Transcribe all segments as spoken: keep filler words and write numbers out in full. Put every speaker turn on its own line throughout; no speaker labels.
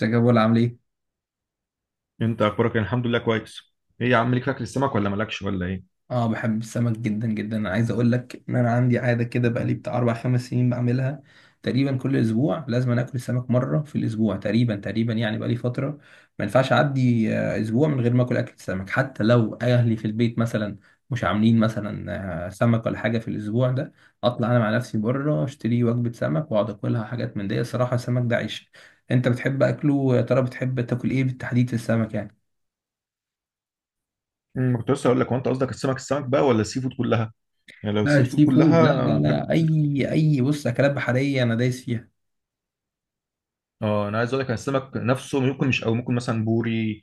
ازيك يا بولا؟ عامل ايه؟
انت اخبارك إيه؟ الحمد لله، كويس. ايه يا عم، ليك في اكل السمك ولا مالكش ولا ايه؟
اه، بحب السمك جدا جدا. انا عايز اقول لك ان انا عندي عاده كده، بقالي بتاع اربع خمس سنين بعملها تقريبا. كل اسبوع لازم أنا اكل سمك مره في الاسبوع تقريبا تقريبا، يعني بقالي فتره ما ينفعش اعدي آه، اسبوع من غير ما اكل اكل سمك. حتى لو اهلي في البيت مثلا مش عاملين مثلا آه، سمك ولا حاجه في الاسبوع ده، اطلع انا مع نفسي بره اشتري وجبه سمك واقعد اكلها، حاجات من دي. الصراحه السمك ده عيش. انت بتحب اكله؟ يا ترى بتحب تاكل ايه بالتحديد في السمك يعني؟
امم كنت لسه اقول لك، هو انت قصدك السمك السمك بقى ولا السي فود كلها؟ يعني لو
لا،
السي فود
السي فود، لا لا
كلها، بحب
لا،
أكل
اي
كتير.
اي بص، اكلات بحريه انا دايس فيها.
اه، انا عايز اقول لك، أنا السمك نفسه ممكن مش قوي، ممكن مثلا بوري،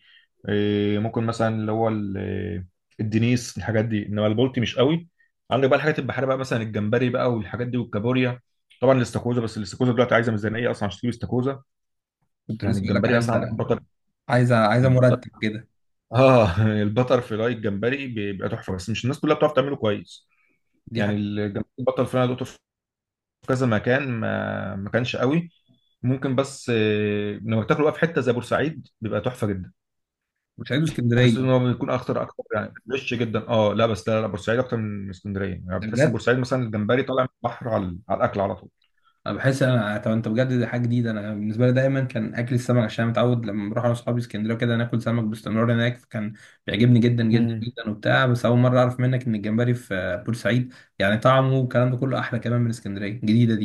إيه، ممكن مثلا اللي هو ال- إيه، الدنيس، الحاجات دي، انما البلطي مش قوي. عندك بقى الحاجات البحريه بقى، مثلا الجمبري بقى والحاجات دي، والكابوريا. طبعا الاستاكوزا، بس الاستاكوزا دلوقتي عايزه ميزانيه اصلا عشان تجيب استاكوزا.
كنت
يعني
لسه بقول لك،
الجمبري
عايزه
مثلا عندك
عايزه عايزه
بطل.
مرتب كده.
اه البتر فلاي الجمبري بيبقى تحفه، بس مش الناس كلها بتعرف تعمله كويس.
دي
يعني
حاجه.
الجمبري البتر فلاي دوته في كذا مكان، ما ما كانش قوي. ممكن، بس آه، لما بتاكله بقى في حته زي بورسعيد بيبقى تحفه جدا.
مش عايزه اسكندريه.
تحس ان هو بيكون اخطر اكتر، يعني فريش جدا. اه لا، بس لا، لا، بورسعيد اكتر من اسكندريه، يعني
ده
بتحس ان
بجد.
بورسعيد مثلا الجمبري طالع من البحر على على الاكل على طول.
انا بحس انا، طب انت بجد، دي حاجه جديده. انا بالنسبه لي دايما كان اكل السمك، عشان أنا متعود لما بروح انا واصحابي اسكندريه كده ناكل سمك باستمرار هناك، فكان بيعجبني جدا جدا
مم.
جدا وبتاع. بس اول مره اعرف منك ان الجمبري في بورسعيد يعني طعمه والكلام ده كله احلى كمان من اسكندريه الجديده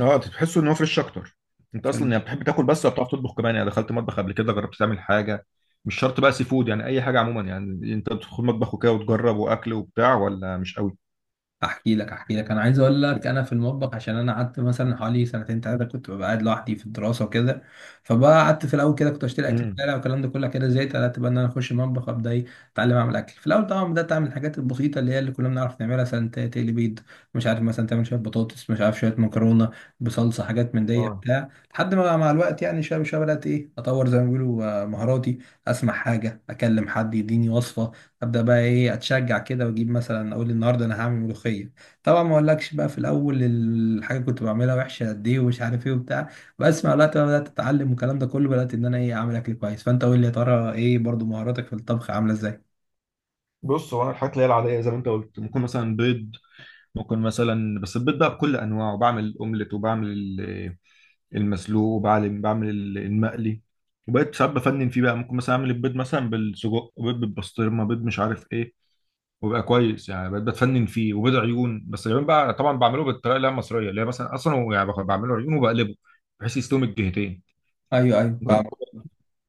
اه، تحس ان هو فريش اكتر. انت اصلا يعني
دي.
بتحب تاكل بس ولا بتعرف تطبخ كمان؟ يعني دخلت مطبخ قبل كده، جربت تعمل حاجه؟ مش شرط بقى سي فود، يعني اي حاجه عموما، يعني انت بتدخل مطبخ وكده وتجرب واكل وبتاع ولا مش قوي؟
احكي لك احكي لك، انا عايز اقول لك انا في المطبخ، عشان انا قعدت مثلا حوالي سنتين ثلاثه كنت ببقى قاعد لوحدي في الدراسه وكده. فبقى قعدت في الاول كده كنت اشتري اكل في
امم
الشارع والكلام ده كله، كده زهقت قعدت بقى ان انا اخش المطبخ، ابدا ايه، اتعلم اعمل اكل. في الاول طبعا بدات اعمل الحاجات البسيطه اللي هي اللي كلنا بنعرف نعملها، مثلا ت- تقلي بيض، مش عارف مثلا تعمل شويه بطاطس، مش عارف شويه مكرونه بصلصه، حاجات من دي
اه،
بتاع. لحد ما مع الوقت يعني شويه شويه بدات ايه، اطور زي ما بيقولوا آه، مهاراتي. اسمع حاجه، اكلم حد يديني وصفه، ابدا بقى ايه، اتشجع كده واجيب مثلا، اقول النهارده انا هعمل ملوخيه. طبعا ما اقولكش بقى في الاول الحاجه كنت بعملها وحشه قد ايه ومش عارف ايه وبتاع، بس مع الوقت بقى بدات اتعلم والكلام ده كله، بدات ان انا ايه، اعمل اكل كويس. فانت قول لي، يا ترى ايه برضو مهاراتك في الطبخ عامله ازاي؟
بص هو انا الحاجات اللي هي العاديه زي ما انت قلت، ممكن مثلا بيض. ممكن مثلا، بس البيض بقى بكل انواعه، وبعمل اومليت، وبعمل ال- المسلوق، وبعمل بعمل ال- المقلي. وبقيت ساعات بفنن فيه بقى، ممكن مثلا اعمل البيض مثلا بالسجق، بيض بالبسطرمه، بيض مش عارف ايه، وبقى كويس. يعني بقيت بتفنن فيه. وبيض عيون بس، العيون بقى طبعا بعمله بالطريقه اللي هي المصريه، اللي هي مثلا اصلا هو يعني باخد- بعمله عيون وبقلبه بحيث يستوي من الجهتين.
ايوه ايوه،
جربت؟
فاهم.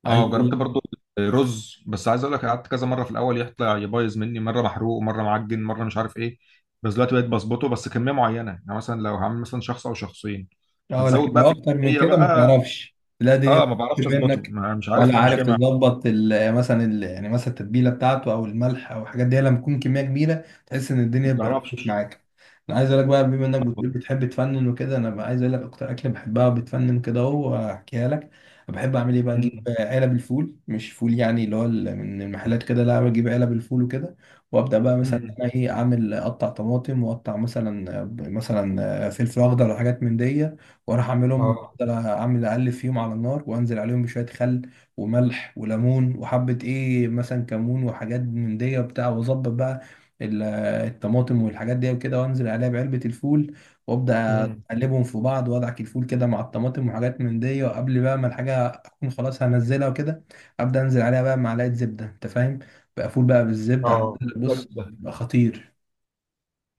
عايز
اه،
اقول
جربت
لك،
برضو رز. بس عايز اقول لك، قعدت كذا مره في الاول يطلع يبايظ مني، مره محروق ومره معجن، مره مش عارف ايه. بس دلوقتي بقيت بظبطه، بس كميه معينه، يعني مثلا لو هعمل مثلا شخص او شخصين.
اه
هتزود
لكن
بقى
لو
في
اكتر من
الكميه
كده ما
بقى.
تعرفش، تلاقي الدنيا
اه،
بتفك
ما بعرفش اظبطه،
منك.
ما- مش عارف
ولا
ليه، مش
عارف
جاي معايا.
تظبط ال- مثلا ال- يعني مثلا التتبيله بتاعته او الملح او الحاجات دي؟ لما تكون كميه كبيره تحس ان
ما
الدنيه بردت
بعرفش.
معاك. انا عايز اقول لك بقى، بما انك بتقول بتحب تفنن وكده، انا بقى عايز اقول لك اكتر اكله بحبها وبتفنن كده، اهو احكيها لك. بحب اعمل ايه بقى، اجيب
مم.
علب الفول، مش فول يعني اللي هو ال- من المحلات كده، لا، بجيب علب الفول وكده، وابدا بقى مثلا
مم.
انا ايه، اعمل اقطع طماطم واقطع مثلا مثلا فلفل اخضر وحاجات من دي، واروح اعملهم،
اه.
افضل اعمل اقلب فيهم على النار وانزل عليهم بشويه خل وملح وليمون وحبه ايه مثلا كمون وحاجات من دي وبتاع، واظبط بقى ال- الطماطم والحاجات دي وكده، وانزل عليها بعلبه الفول، وابدا
امم
اقلبهم في بعض وادعك الفول كده مع الطماطم وحاجات من دي، وقبل بقى ما الحاجه اكون خلاص هنزلها وكده، ابدا انزل عليها بقى معلقه زبده. انت فاهم بقى؟ فول بقى بالزبده،
اه،
عامل- بص
بجد؟
بيبقى خطير.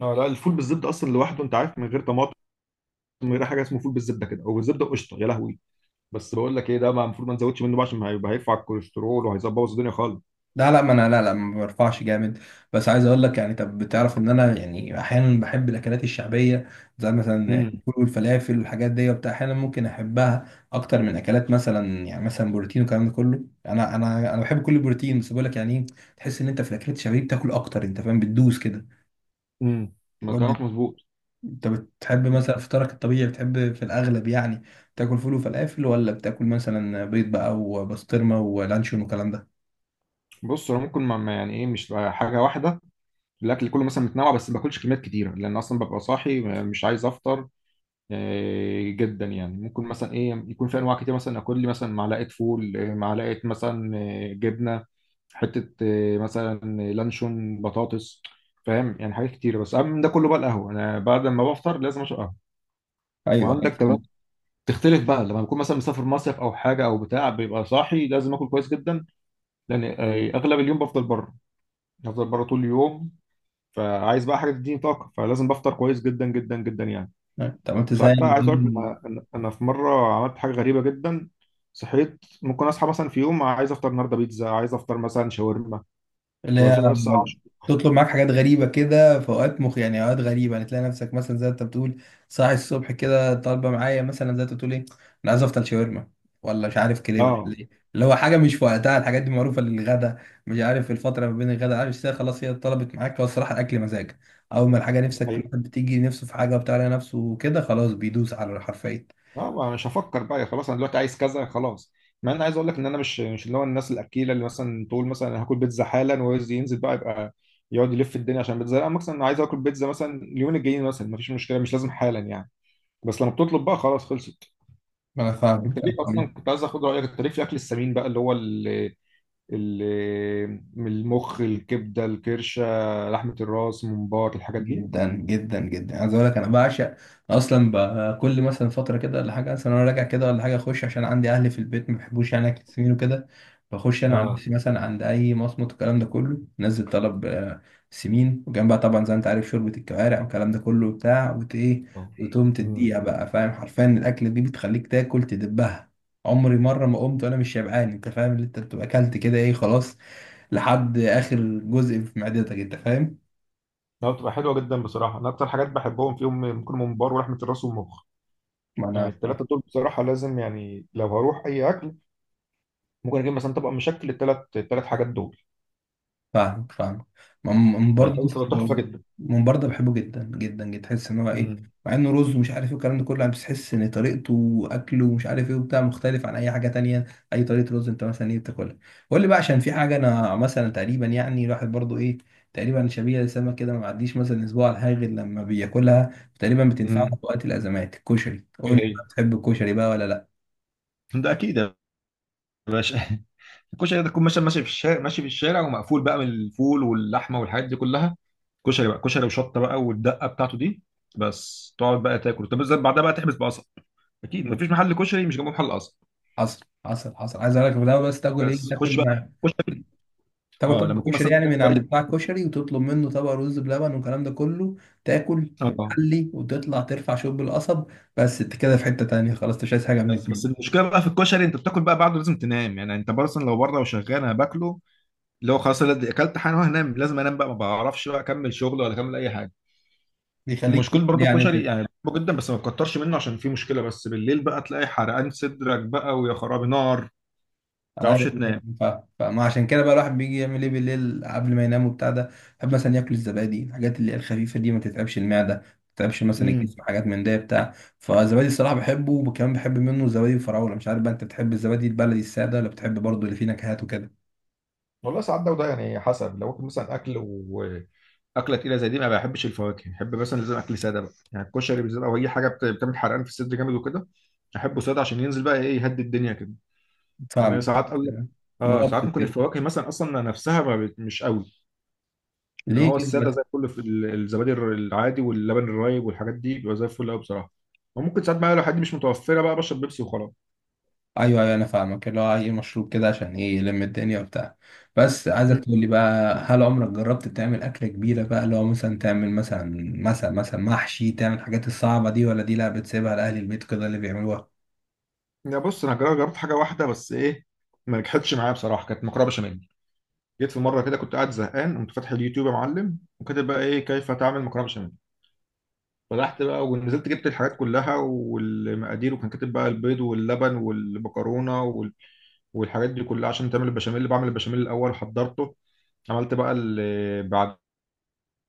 اه لا، الفول بالزبده اصلا لوحده، انت عارف، من غير طماطم، من غير حاجه، اسمه فول بالزبده كده، او بالزبده وقشطه، يا لهوي. بس بقول لك ايه؟ ده ما المفروض ما نزودش منه بقى، عشان هيبقى هيرفع الكوليسترول وهيظبط الدنيا خالص.
لا لا، ما انا لا لا ما برفعش جامد. بس عايز اقول لك يعني، طب بتعرف ان انا يعني احيانا بحب الاكلات الشعبيه زي مثلا
امم
الفول والفلافل والحاجات دي وبتاع؟ احيانا ممكن احبها اكتر من اكلات مثلا يعني مثلا بروتين والكلام ده كله. انا انا انا بحب كل البروتين، بس بقول لك يعني ايه، تحس ان انت في الاكلات الشعبيه بتاكل اكتر، انت فاهم، بتدوس كده.
امم ما
قول لي،
كلامك مظبوط.
انت بتحب مثلا فطارك الطبيعي بتحب في الاغلب يعني تاكل فول وفلافل، ولا بتاكل مثلا بيض بقى وبسطرمه ولانشون والكلام ده؟
بص، انا ممكن ما ما- يعني ايه، مش حاجه واحده. الاكل كله مثلا متنوع، بس ما باكلش كميات كتيره لان اصلا ببقى صاحي، مش عايز افطر آه، جدا. يعني ممكن مثلا ايه، يكون في انواع كتير مثلا، اكل لي مثلا معلقه فول، آه، معلقه مثلا، آه، جبنه، حته، آه، مثلا لانشون، بطاطس، فاهم، يعني حاجات كتير. بس اهم من ده كله بقى القهوه، انا بعد ما بفطر لازم اشرب قهوه.
ايوه،
وعندك
أيوة.
كمان، تختلف بقى لما بكون مثلا مسافر مصيف او حاجه او بتاع، بيبقى صاحي، لازم اكل كويس جدا، لان آه، اغلب اليوم بفضل بره، بفضل بره طول اليوم، فعايز بقى حاجه تديني طاقه، فلازم بفطر كويس جدا جدا جدا يعني.
طب انت
ساعات
زي
بقى عايز اقول لك، انا أنا أنا في مره عملت حاجه غريبه جدا. صحيت، ممكن اصحى مثلا في يوم عايز افطر النهارده بيتزا، عايز افطر مثلا شاورما،
اللي هي،
بصحى بس الساعه العاشرة.
تطلب معاك حاجات غريبة كده في أوقات مخ، يعني أوقات غريبة، يعني تلاقي نفسك مثلا زي ما أنت بتقول، صاحي الصبح كده طالبة معايا مثلا زي ما أنت بتقول، إيه، أنا عايز أفطر شاورما ولا مش عارف كريب ولا
اه،
إيه، اللي هو حاجة مش في وقتها، الحاجات دي معروفة للغدا، مش عارف الفترة ما بين الغدا، عارف، الساعة، خلاص هي طلبت معاك. هو الصراحة الأكل مزاج، أول ما الحاجة
دي
نفسك،
حقيقة.
الواحد بتيجي نفسه في حاجة وبتاع، على نفسه وكده، خلاص بيدوس على حرفيا.
اه، ما مش هفكر بقى خلاص، انا دلوقتي عايز كذا خلاص. مع ان عايز اقول لك ان انا مش مش اللي هو الناس الاكيله اللي مثلا تقول مثلا، أنا هاكل بيتزا حالا وعايز ينزل بقى يبقى يقعد يلف الدنيا عشان بيتزا. لا، مثلا انا عايز اكل بيتزا مثلا اليومين الجايين، مثلا مفيش مشكله، مش لازم حالا يعني. بس لما بتطلب بقى خلاص، خلصت.
ما انا
انت
فاهمك، انا
ليك اصلا،
فاهمك.
كنت عايز اخد رايك، انت ليك في الاكل السمين بقى، اللي هو اللي ال- من المخ، الكبدة، الكرشة، لحمة الراس، الممبار، الحاجات دي.
جدا جدا جدا، عايز اقول لك انا بعشق. اصلا ب- كل مثلا فتره كده ولا حاجه، مثلا انا راجع كده ولا حاجه، اخش، عشان عندي اهلي في البيت ما بيحبوش يعني اكل سمين وكده. بخش انا عن
اه.
نفسي مثلا عند اي مصمت، الكلام ده كله، نزل طلب آه، سمين، وجنبها طبعا زي ما انت عارف شوربه الكوارع والكلام ده كله بتاع وت ايه،
اه.
وتقوم
امم
تديها بقى، فاهم؟ حرفيا الاكله دي بتخليك تاكل تدبها. عمري مره ما قمت وانا مش شبعان، انت فاهم اللي انت بتبقى اكلت كده ايه، خلاص لحد اخر جزء في معدتك، انت فاهم.
لا، بتبقى حلوه جدا بصراحه. انا اكتر حاجات بحبهم فيهم ممكن ممبار ولحمه الراس والمخ.
ما
يعني
انا
التلاتة دول بصراحة لازم، يعني لو هروح أي أكل ممكن أجيب مثلا طبق مشكل، التلات التلات حاجات دول.
فاهمك فاهمك. ما- من
طيب،
برضه بس-
بتبقى تحفة جدا.
من برضه بحبه جدا جدا جدا، تحس ان هو ايه،
امم
مع انه رز ومش عارف ايه والكلام ده كله يعني، بس تحس ان طريقته واكله ومش عارف ايه وبتاع مختلف عن اي حاجه تانية. اي طريقه رز انت مثلا ايه بتاكلها؟ قول لي بقى، عشان في حاجه انا مثلا تقريبا يعني الواحد برضه ايه، تقريبا شبيه لسمك كده، ما بعديش مثلا اسبوع على الحاجه غير لما بياكلها تقريبا، بتنفعه في
امم
وقت الازمات، الكشري.
ايه
قول لي بقى،
هي؟
بتحب الكشري بقى ولا لا؟
ده اكيد يا باشا. الكشري ده، تكون مثلا ماشي في الشارع، ماشي في الشارع ومقفول بقى من الفول واللحمه والحاجات دي كلها، كشري بقى، كشري وشطه بقى والدقه بتاعته دي. بس تقعد بقى تاكل، طب بس بعدها بقى تحبس بقصب. اكيد مفيش محل كشري مش جنبه محل قصب.
حصل حصل حصل، عايز اقول لك في الاول بس، تاكل ايه؟
بس خش
تاكل
بقى كشري.
تاكل
اه، لما
طبق
يكون
كشري
مثلا
يعني
مكان
من
كويس.
عند بتاع الكشري، وتطلب منه طبق رز بلبن والكلام ده كله، تاكل
اه،
وتحلي وتطلع ترفع شوب القصب. بس انت كده في حتة تانية، خلاص انت مش عايز حاجة من
بس بس
الدنيا.
المشكله بقى في الكشري، انت بتاكل بقى بعده لازم تنام. يعني انت مثلا لو بره وشغال، انا باكله، اللي هو خلاص، أنا دي- اكلت حاجه وهنام، لازم انام بقى، ما بعرفش بقى اكمل شغل ولا اكمل اي حاجه.
بيخليك تفصل
مشكلة برضو
يعني
الكشري،
وكده.
يعني بحبه جدا بس ما تكترش منه عشان فيه مشكلة، بس بالليل بقى تلاقي حرقان صدرك بقى، ويا خرابي نار، ما تعرفش
ايوه
تنام.
يعني ف- فما عشان كده بقى الواحد بيجي يعمل ايه بالليل قبل ما ينام وبتاع ده، يحب مثلا ياكل الزبادي، الحاجات اللي هي الخفيفة دي ما تتعبش المعدة، ما تتعبش مثلا
امم
الجسم، حاجات من ده بتاع. فالزبادي الصراحة بحبه، وكمان بحب منه الزبادي الفراولة. مش عارف بقى انت بتحب الزبادي البلدي السادة، ولا بتحب برضه اللي فيه نكهات وكده؟
والله، ساعات ده وده، يعني حسب، لو اكل مثلا اكل و... أكلة تقيلة زي دي، ما بحبش الفواكه، بحب مثلا لازم أكل سادة بقى، يعني الكشري بالذات أو أي حاجة بت- بتعمل حرقان في الصدر جامد وكده، أحبه سادة عشان ينزل بقى إيه، يهدي الدنيا كده. لأن يعني
فاهمك.
ساعات أقول لك آه
مرتب
ساعات ممكن
كده.
الفواكه مثلا أصلا نفسها ما بت- مش قوي. ان
ليه
هو
كده
الساده
بس؟
زي الفل، في ال- الزبادي الر- العادي واللبن الرايب والحاجات دي بيبقى زي الفل قوي بصراحه. وممكن ساعات بقى لو حد مش متوفره بقى، بشرب بيبسي وخلاص.
ايوه ايوه، انا فاهمك، اللي هو اي مشروب كده عشان ايه، يلم الدنيا وبتاع. بس عايزك
مم.
تقول لي بقى، هل عمرك جربت تعمل اكله كبيره بقى اللي هو مثلا، تعمل مثلا مثلا مثلا محشي، تعمل الحاجات الصعبه دي، ولا دي لا بتسيبها لاهل البيت كده اللي بيعملوها؟
يا بص، انا جربت جربت حاجه واحده بس، ايه؟ ما نجحتش معايا بصراحه، كانت مكرونه بشاميل. جيت في مره كده كنت قاعد زهقان، قمت فاتح اليوتيوب يا معلم، وكاتب بقى ايه، كيف تعمل مكرونه بشاميل. فتحت بقى ونزلت جبت الحاجات كلها والمقادير، وكان كاتب بقى البيض واللبن والمكرونه وال... والحاجات دي كلها عشان تعمل البشاميل. بعمل البشاميل الاول، حضرته، عملت بقى ال- بعد،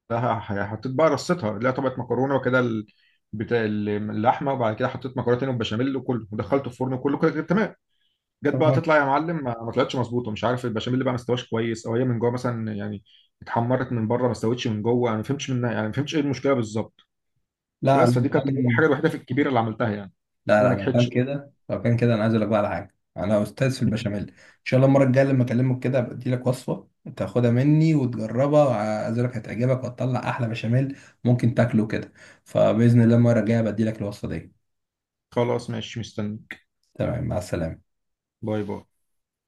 لا ح- حطيت بقى رصتها، لا طبقة مكرونة وكده ال- بتاع ال- اللحمة. وبعد كده حطيت مكرونة تاني وبشاميل وكله، ودخلته الفرن وكله كده كده تمام. جت بقى
تمام.
تطلع يا معلم، ما ما طلعتش مظبوطة، مش عارف البشاميل بقى ما استواش كويس، او هي من جوه مثلا يعني، اتحمرت من بره ما استوتش من جوه. انا ما فهمتش منها، يعني ما فهمتش ايه المشكلة بالظبط.
لا
بس
لا.
فدي كانت الحاجة الوحيدة في الكبيرة اللي عملتها يعني،
لا
وما
لا، لو كان
نجحتش.
كده لو كان كده انا عايز اقول لك بقى على حاجه، انا استاذ في البشاميل. ان شاء الله المره الجايه لما اكلمك كده بدي لك وصفه، تاخدها مني وتجربها، وعايز أقول لك هتعجبك وهتطلع احلى بشاميل ممكن تاكله كده. فباذن الله المره الجايه بدي لك الوصفه دي.
خلاص ماشي، مستنيك.
تمام، مع السلامه.
باي باي.